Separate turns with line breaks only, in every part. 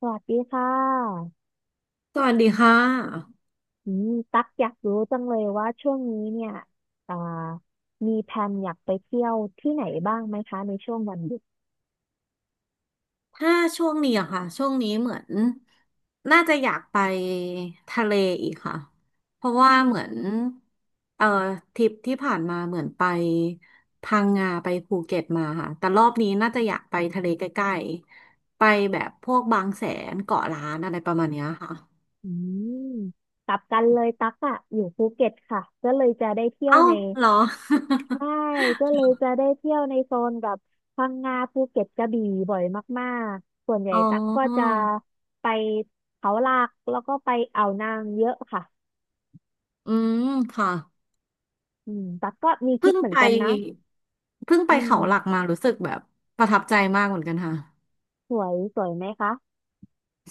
สวัสดีค่ะ
สวัสดีค่ะ
อืมตักอยากรู้จังเลยว่าช่วงนี้เนี่ยอ่ามีแพลนอยากไปเที่ยวที่ไหนบ้างไหมคะในช่วงวันหยุด
ถ้าช่วงนี้อะค่ะช่วงนี้เหมือนน่าจะอยากไปทะเลอีกค่ะเพราะว่าเหมือนเอ่อทริปที่ผ่านมาเหมือนไปพังงาไปภูเก็ตมาค่ะแต่รอบนี้น่าจะอยากไปทะเลใกล้ๆไปแบบพวกบางแสนเกาะล้านอะไรประมาณเนี้ยค่ะ
อืมกลับกันเลยตักอะอยู่ภูเก็ตค่ะก็เลยจะได้เที่ยว
เอ้า
ใน
เหรอ
ใช่ก็เลยจะได้เที่ยวในโซนแบบพังงาภูเก็ตกระบี่บ่อยมากๆ ส่วนใหญ่
อ๋อ
ตักก็จะไปเขาหลักแล้วก็ไปอ่าวนางเยอะค่ะ
อืมค่ะ
ตักก็มีคิ
เพิ่
ด
ง
เหมือ
ไป
นกันนะ
เพิ่งไป
อืม
เขาหลักมารู้สึกแบบประทับใจมากเหมือนกันค่ะ
สวยสวยไหมคะ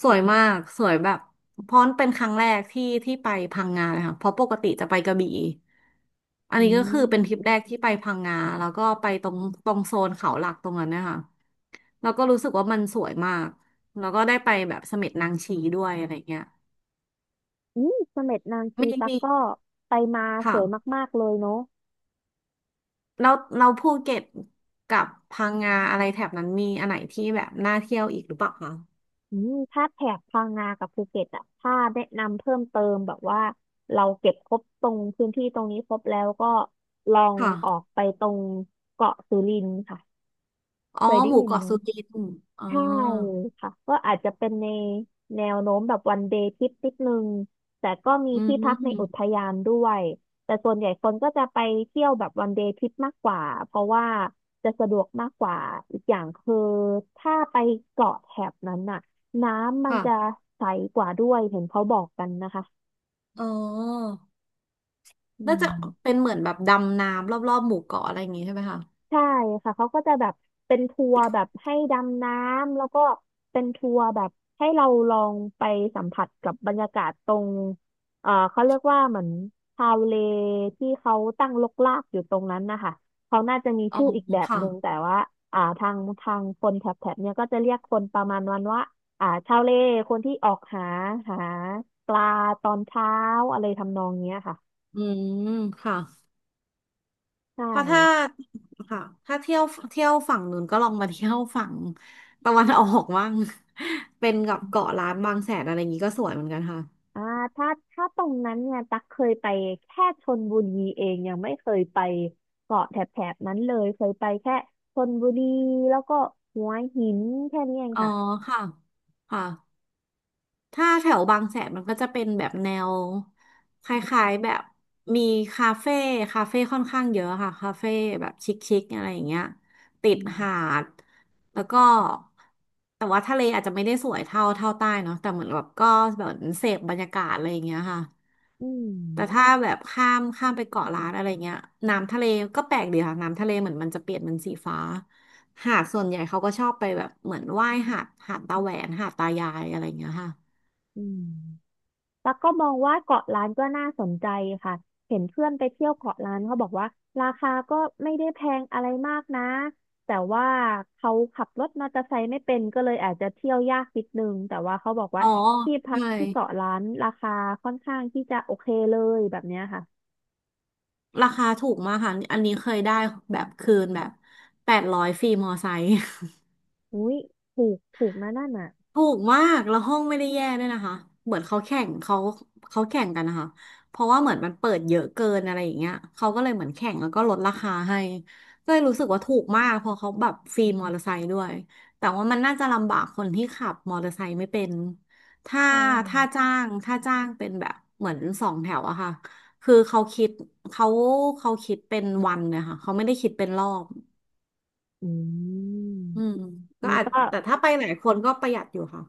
สวยมากสวยแบบเพราะเป็นครั้งแรกที่ที่ไปพังงาเลยค่ะเพราะปกติจะไปกระบี่อัน
อื
นี้ก็คือเป็
ม
นทริปแรกที่ไปพังงาแล้วก็ไปตรงตรงโซนเขาหลักตรงนั้นเนะคะแล้วก็รู้สึกว่ามันสวยมากแล้วก็ได้ไปแบบเสม็ดนางชีด้วยอะไรเงี้ย
อืมเสม็ดนางชี
มี
ตะ
มี
กร้อไปมาส
ค่ะ
วยมากๆเลยเนาะ
เราเราภูเก็ตกับพังงาอะไรแถบนั้นมีอันไหนที่แบบน่าเที่ยวอีกหรือเปล่าคะ
ถ้าแถบพังงากับภูเก็ตอ่ะถ้าแนะนำเพิ่มเติมแบบว่าเราเก็บครบตรงพื้นที่ตรงนี้ครบแล้วก็ลอง
ค
ออก
่ะ
ไปตรงเกาะสุรินทร์ค่ะ
อ๋อ
เคยได้
หมู่
ยิน
เกาะ
ไหม
สุกินอ๋อ
ใช่ค่ะก็อาจจะเป็นในแนวโน้มแบบวันเดย์ทริปนิดนึงแต่ก็มี
อื
ที่พักในอุท
ม
ยานด้วยแต่ส่วนใหญ่คนก็จะไปเที่ยวแบบวันเดย์ทริปมากกว่าเพราะว่าจะสะดวกมากกว่าอีกอย่างคือถ้าไปเกาะแถบนั้นน่ะน้ำมัน
ค่ะ
จะใสกว่าด้วยเห็นเขาบอกกันนะคะ
อ๋อ
อื
น่าจะ
ม
เป็นเหมือนแบบดำน้ำรอบๆหมู่เกาะอะไรอย่างงี้ใช่ไหมคะ
ใช่ค่ะ เขาก็จะแบบเป็นทัวร์แบบให้ดำน้ำแล้วก็เป็นทัวร์แบบให้เราลองไปสัมผัสกับบรรยากาศตรงเขาเรียกว่าเหมือนชาวเลที่เขาตั้งรกรากอยู่ตรงนั้นนะคะ เขาน่าจะมี
อ๋อ
ชื่ออีกแบบ
ค่ะ
หนึ่งแต่ว่าทางคนแถบเนี้ยก็จะเรียกคนประมาณวันว่าชาวเลคนที่ออกหาหาปลาตอนเช้าอะไรทำนองเนี้ยค่ะ
อืมค่ะ
ใช่
เพราะถ้าค่ะถ้าเที่ยวเที่ยวฝั่งนู้นก็ลองมาเที่ยวฝั่ง ตะวันออกบ้าง เป็นกับเกาะล้านบางแสนอะไรอย่างงี้ก็สวยเหมือนกันค่ะ
อ่าถ้าตรงนั้นเนี่ย ตักเคยไปแค่ชลบุรีเอง ยังไม่เคยไปเกาะแถบนั้นเลย เคยไปแค่ชลบุรีแล้วก็หัวหินแค่นี้เอง
อ๋อ
ค่ะ
ค่ะค่ะ ถ้าแถวบางแสนมันก็จะเป็นแบบแนวคล้ายๆแบบมีคาเฟ่คาเฟ่ค่อนข้างเยอะค่ะคาเฟ่แบบชิคๆอะไรอย่างเงี้ยติด
อื
หา
ม
ดแล้วก็แต่ว่าทะเลอาจจะไม่ได้สวยเท่าใต้เนาะแต่เหมือนแบบก็แบบเสพบรรยากาศอะไรอย่างเงี้ยค่ะ
อื
แต่ถ้า
ม
แบบข้ามไปเกาะล้านอะไรเงี้ยน้ำทะเลก็แปลกดีค่ะน้ำทะเลเหมือนมันจะเปลี่ยนเป็นสีฟ้าหาดส่วนใหญ่เขาก็ชอบไปแบบเหมือนว่ายหาดตาแหวนหาดตายายอะไรเงี้ยค่ะ
อืม แล้วก็มองว่าเกาะล้านก็น่าสนใจค่ะ เห็นเพื่อนไปเที่ยวเกาะล้านเขาบอกว่าราคาก็ไม่ได้แพงอะไรมากนะแต่ว่าเขาขับรถมอเตอร์ไซค์ไม่เป็นก็เลยอาจจะเที่ยวยากนิดนึงแต่ว่าเขาบอก
อ๋
ว่า
อ
ที่พัก
ใช่
ที่เกาะล้านราคาค่อนข้างที่จะโอเคเลยแบบเนี้ยค่ะ
ราคาถูกมากค่ะอันนี้เคยได้แบบคืนแบบ800ฟรีมอไซค์
อุ้ยถูกถูกนะนั่นน่ะ
ถูกมากแล้วห้องไม่ได้แย่ด้วยนะคะ เหมือนเขาแข่งกันนะคะ เพราะว่าเหมือนมันเปิดเยอะเกินอะไรอย่างเงี้ยเขาก็เลยเหมือนแข่งแล้วก็ลดราคาให้ก็เลยรู้สึกว่าถูกมากเพราะเขาแบบฟรีมอเตอร์ไซค์ด้วยแต่ว่ามันน่าจะลำบากคนที่ขับมอเตอร์ไซค์ไม่เป็นถ้า
อ๋อ
ถ้าจ้างเป็นแบบเหมือนสองแถวอะค่ะคือเขาเขาคิดเป็นวันเนี่ยค่ะเขาไม่ได้คิดเป็นรอบ
อืม
อืมก็
มัน
อาจ
ก็
แต่ถ้าไปหลายคนก็ประหยัดอยู่ค่ะ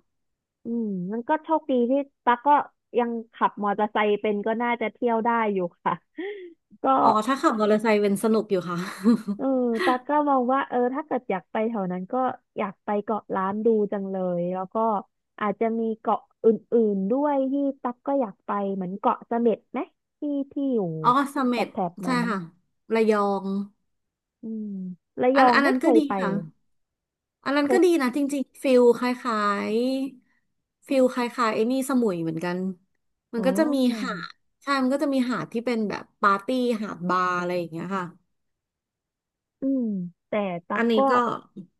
อืมมันก็โชคดีที่ตั๊กก็ยังขับมอเตอร์ไซค์เป็นก็น่าจะเที่ยวได้อยู่ค่ะ ก็
อ๋อถ้าขับมอเตอร์ไซค์เป็นสนุกอยู่ค่ะ
เออตากก็มองว่า เออ ถ้าเกิดอยากไปแถวนั้นก็อยากไปเกาะล้านดูจังเลย แล้วก็อาจจะมีเกาะอื่นๆด้วยที่ตักก็อยากไปเหมือนเกาะเสม็ดไหมที่ที่อยู่
อ๋อเส
แถ
ม็ด
บๆ
ใช่
นั้น
ค่ะระยอง
อืมระย
อั
อ
น
ง
อัน
ไม่
นั้น
เค
ก็
ย
ดี
ไป
ค่ะ
เลย
อันนั้
เค
นก็
ย
ดีนะจริงๆฟิลคล้ายๆฟิลคล้ายๆไอ้นี่สมุยเหมือนกันมั
อ๋
นก็จะมีหาด
อ
ใช่มันก็จะมีหาดที่เป็นแบบปาร์ตี้หาดบาร์อะไรอย่างเงี้ยค่ะ
อืมแต่ตั๊
อั
ก
นนี้
ก็
ก็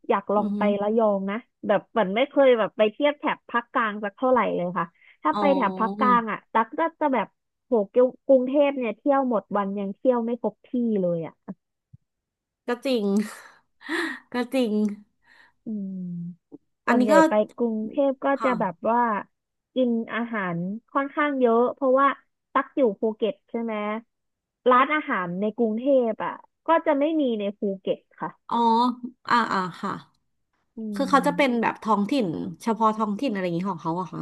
อยากล
อื
อง
อ
ไป
ฮึ
ระยองนะแบบเหมือนไม่เคยแบบไปเทียบแถบภาคกลางสักเท่าไหร่เลยค่ะถ้า
อ๋
ไป
อ
แถบภาคกลางอ่ะตั๊กก็จะแบบโหเกี่ยวกรุงเทพเนี่ยเที่ยวหมดวันยังเที่ยวไม่ครบที่เลยอ่ะ
ก็จริง ก็จริง
อืมส่
อัน
วน
นี้
ใหญ่
ก็
ไปกรุงเทพก็จะ
ค่ะ
แบบว่ากินอาหารค่อนข้างเยอะเพราะว่าตักอยู่ภูเก็ตใช่ไหมร้านอาหารในกรุงเทพอ่ะก็จะไม่มีในภูเก็ตค่ะ
อ๋ออ่าอ่าค่ะ
อื
คือเขาจะเป็น
ม
แบบท้องถิ่นเฉพาะท้องถิ่นอะไรอย่างนี้ของเขาอะคะ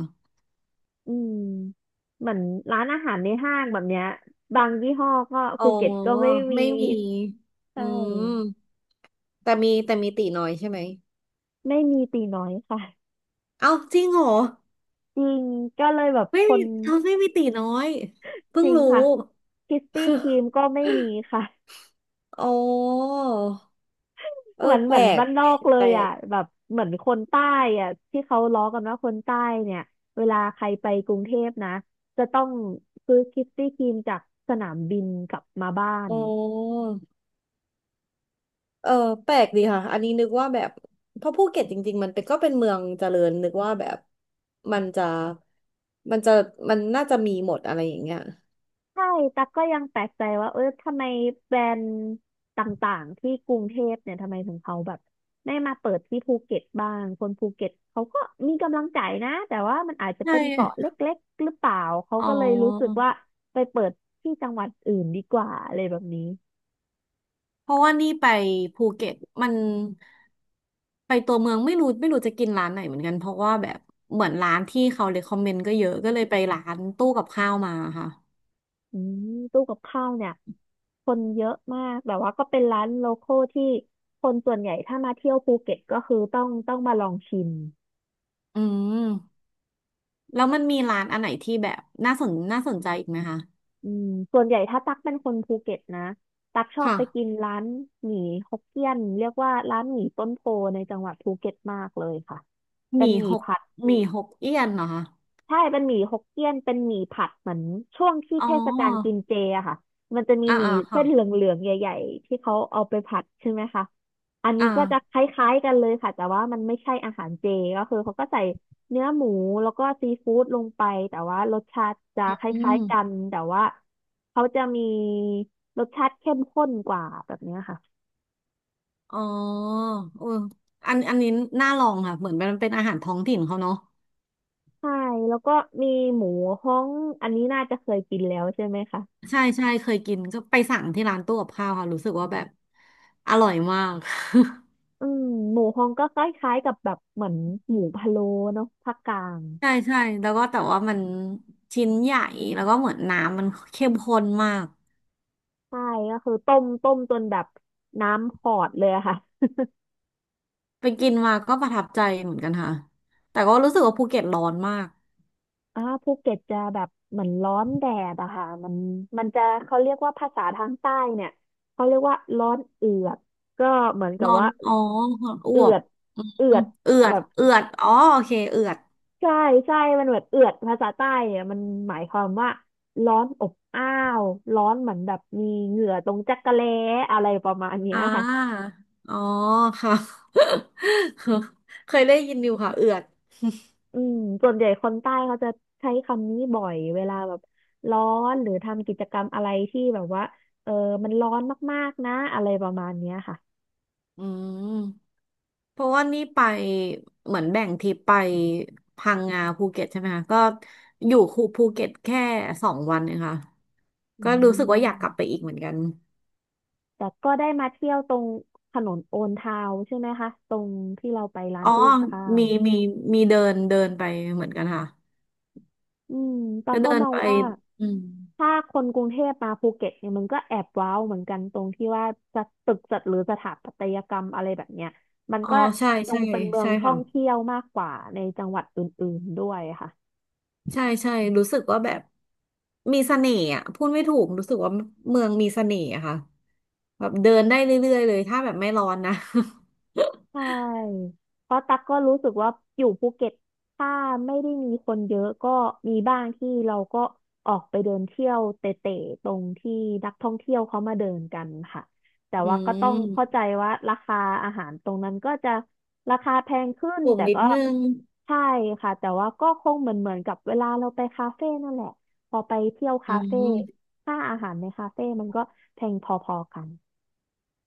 อืมเหมือนร้านอาหารในห้างแบบเนี้ยบางยี่ห้อก็
อ๋อ
ภูเก็ตก็ไม่มี
ไม่มี
ใช่
อืมแต่มีตีน้อยใช่ไหม
ไม่มีตีน้อยค่ะ
เอ้าจริงเหรอ
จริงก็เลยแบบ
ไม่
ค
มี
น
เขาไม่มีตีน้อยเพิ่
จ
ง
ริง
รู้
ค่ะคิสปี้ครี มก็ไม่มีค่ะ
อ๋อเออ
เหมือน
แปลก
บ้านน
แป
อ
ล
ก
ก
เล
แป
ย
ล
อ่ะ
ก
แบบเหมือนคนใต้อ่ะที่เขาล้อกันว่าคนใต้เนี่ยเวลาใครไปกรุงเทพนะจะต้องซื้อคิสปี้ครีมจากสนามบินกลับมาบ้าน
อ๋อเออแปลกดีค่ะอันนี้นึกว่าแบบเพราะภูเก็ตจริงๆมันเป็นก็เป็นเมืองเจริญนึกว่าแบบมันจะมันจะมันน่าจะมีหมดอะไรอย่างเงี้ย
ใช่ตั๊กก็ยังแปลกใจว่าเออทำไมแบรนด์ต่างๆที่กรุงเทพเนี่ยทำไมถึงเขาแบบไม่มาเปิดที่ภูเก็ตบ้างคนภูเก็ตเขาก็มีกำลังใจนะแต่ว่ามันอาจจะ
ใช่
เป็นเกาะเล็กๆหรือเปล่า เขา
อ๋อ
ก็เลยรู้สึกว่าไปเปิดที่จังหวัดอื่นดีกว่าอะไรแบบนี้
เพราะว่านี่ไปภูเก็ตมันไปตัวเมืองไม่รู้จะกินร้านไหนเหมือนกันเพราะว่าแบบเหมือนร้านที่เขาเ e คคอมเมนต์ก็เยอะก็เลยไปร้านตู้กับข้าวมาค่ะ
อืมตู้กับข้าวเนี่ยคนเยอะมากแต่ว่าก็เป็นร้านโลคอลที่คนส่วนใหญ่ถ้ามาเที่ยวภูเก็ตก็คือต้องมาลองชิม
อืมแล้วมันมีร้านอันไหนที่แบบน่าสนใจอีกไหมคะ
อืมส่วนใหญ่ถ้าตักเป็นคนภูเก็ตนะ ตักชอบ
ค่ะ
ไปกินร้านหมี่ฮกเกี้ยนเรียกว่าร้านหมี่ต้นโพในจังหวัดภูเก็ตมากเลยค่ะ
ห
เป็น
มี่
หมี่
หก
ผัด
หมี่หกเอี้ยนเหรอคะ
ใช่เป็นหมี่ฮกเกี้ยนเป็นหมี่ผัดเหมือนช่วงที่
อ๋
เทศกาลกิ
อ
นเจอะค่ะมันจะมี
อ่า
หมี่
อ่า
เส้
ค่ะ
นเหลืองๆใหญ่ๆที่เขาเอาไปผัดใช่ไหมคะอันนี้
อ่า
ก็จะคล้ายๆกันเลยค่ะแต่ว่ามันไม่ใช่อาหารเจก็คือเขาก็ใส่เนื้อหมูแล้วก็ซีฟู้ดลงไปแต่ว่ารสชาติจะค
อื
ล้ายๆกัน
ม
แต่ว่าเขาจะมีรสชาติเข้มข้นกว่าแบบเนี้ยค่ะ
อ๋อเอออันนี้น่าลองค่ะเหมือนมันเป็นอาหารท้องถิ่นเขาเนาะ
ใช่แล้วก็มีหมูฮ้องอันนี้น่าจะเคยกินแล้วใช่ไหมคะ
ใช่ใช่เคยกินก็ไปสั่งที่ร้านตู้กับข้าวค่ะรู้สึกว่าแบบอร่อยมาก
อืมหมูฮองก็คล้ายๆกับแบบเหมือนหมูพะโล้เนาะภาคกลาง
ใช่ใช่แล้วก็แต่ว่ามันชิ้นใหญ่แล้วก็เหมือนน้ำมันเข้มข้นมาก
ใช่ก็คือต้มจนแบบน้ำขอดเลยอะค่ะ
ไปกินมาก็ประทับใจเหมือนกันค่ะแต่ก็รู้สึกว่าภูเก็ตร้อนมาก
ภูเก็ตจะแบบเหมือนร้อนแดดอะค่ะมันจะเขาเรียกว่าภาษาทางใต้เนี่ยเขาเรียกว่าร้อนเอือดก็เหมือนกับ
ร้อน
ว่า
อ๋อออ
เอื
ว
อ
บ
ดเอื
อื
อด
มเอือ
แบ
ด
บ
เอือดอ๋อโอเคเอือด
ใช่ใช่มันเหมือนเอือดภาษาใต้เนี่ยมันหมายความว่าร้อนอบอ้าวร้อนเหมือนแบบมีเหงื่อตรงจักระแล้อะไรประมาณเนี้ย
อ่า
ค่ะ
อ๋อค่ะ เคยได้ยินอยู่ค่ะเอือด
อืมส่วนใหญ่คนใต้เขาจะใช้คำนี้บ่อยเวลาแบบร้อนหรือทำกิจกรรมอะไรที่แบบว่าเออมันร้อนมากๆนะอะไรประมาณเนี้ยค่ะ
อืม เพราะว่านี่ไปเหมือนแบ่งทริปไปพังงาภูเก็ตใช่ไหมคะก็อยู่คูภูเก็ตแค่2 วันเองค่ะก็
อื
รู้สึกว่าอยากกลับไป
ม
อีกเหมือนกัน
แต่ก็ได้มาเที่ยวตรงถนนโอนทาวใช่ไหมคะตรงที่เราไปร้าน
อ๋อ
ตู้กับข้าว
มีมีมีเดินเดินไปเหมือนกันค่ะ
อืมปา
ก็
ก็
เดิน
มอง
ไป
ว่า
อืม
ถ้าคนกรุงเทพมาภูเก็ตเนี่ยมันก็แอบว้าวเหมือนกันตรงที่ว่าจะตึกจัดหรือสถาปัตยกรรมอะไรแบบเนี้ยมัน
อ๋อ
ก็
ใช่
ดู
ใช่
เป็นเมือง
ใช่
ท่อ
ค่ะ
งเที่ยวมากกว่าในจังหวัดอื่นๆด้วยค่ะ
ใช่ใช่รู้สึกว่าแบบมีเสน่ห์อ่ะพูดไม่ถูกรู้สึกว่าเมืองมีเสน่ห์อะค่ะแบบเดินได้เรื่อยๆเลยถ้าแบบไม่ร้อนนะ
ใช่เพราะตักก็รู้สึกว่าอยู่ภูเก็ตถ้าไม่ได้มีคนเยอะก็มีบ้างที่เราก็ออกไปเดินเที่ยวเตะๆตรงที่นักท่องเที่ยวเขามาเดินกันค่ะแต่
อื
ว่าก็ต้อง
ม
เข้าใจว่าราคาอาหารตรงนั้นก็จะราคาแพงขึ้น
สูง
แต่
นิด
ก็
นึง
ใช่ค่ะแต่ว่าก็คงเหมือนกับเวลาเราไปคาเฟ่นั่นแหละพอไปเที่ยว
อื
คาเฟ่
ม
ค่าอาหารในคาเฟ่มันก็แพงพอๆกัน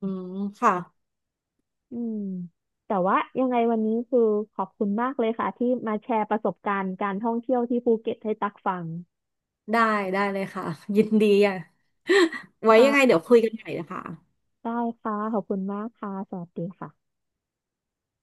อืมค่ะ
อืมแต่ว่ายังไงวันนี้คือขอบคุณมากเลยค่ะที่มาแชร์ประสบการณ์การท่องเที่ยวที่ภูเก็ตให้ตักฟัง
ได้ได้เลยค่ะ ยินดีอ่ะ ไว้ยังไง
ค่ะ
เดี๋ยวคุยกันใหม่นะคะ
ได้ค่ะขอบคุณมากค่ะสวัสดีค่ะ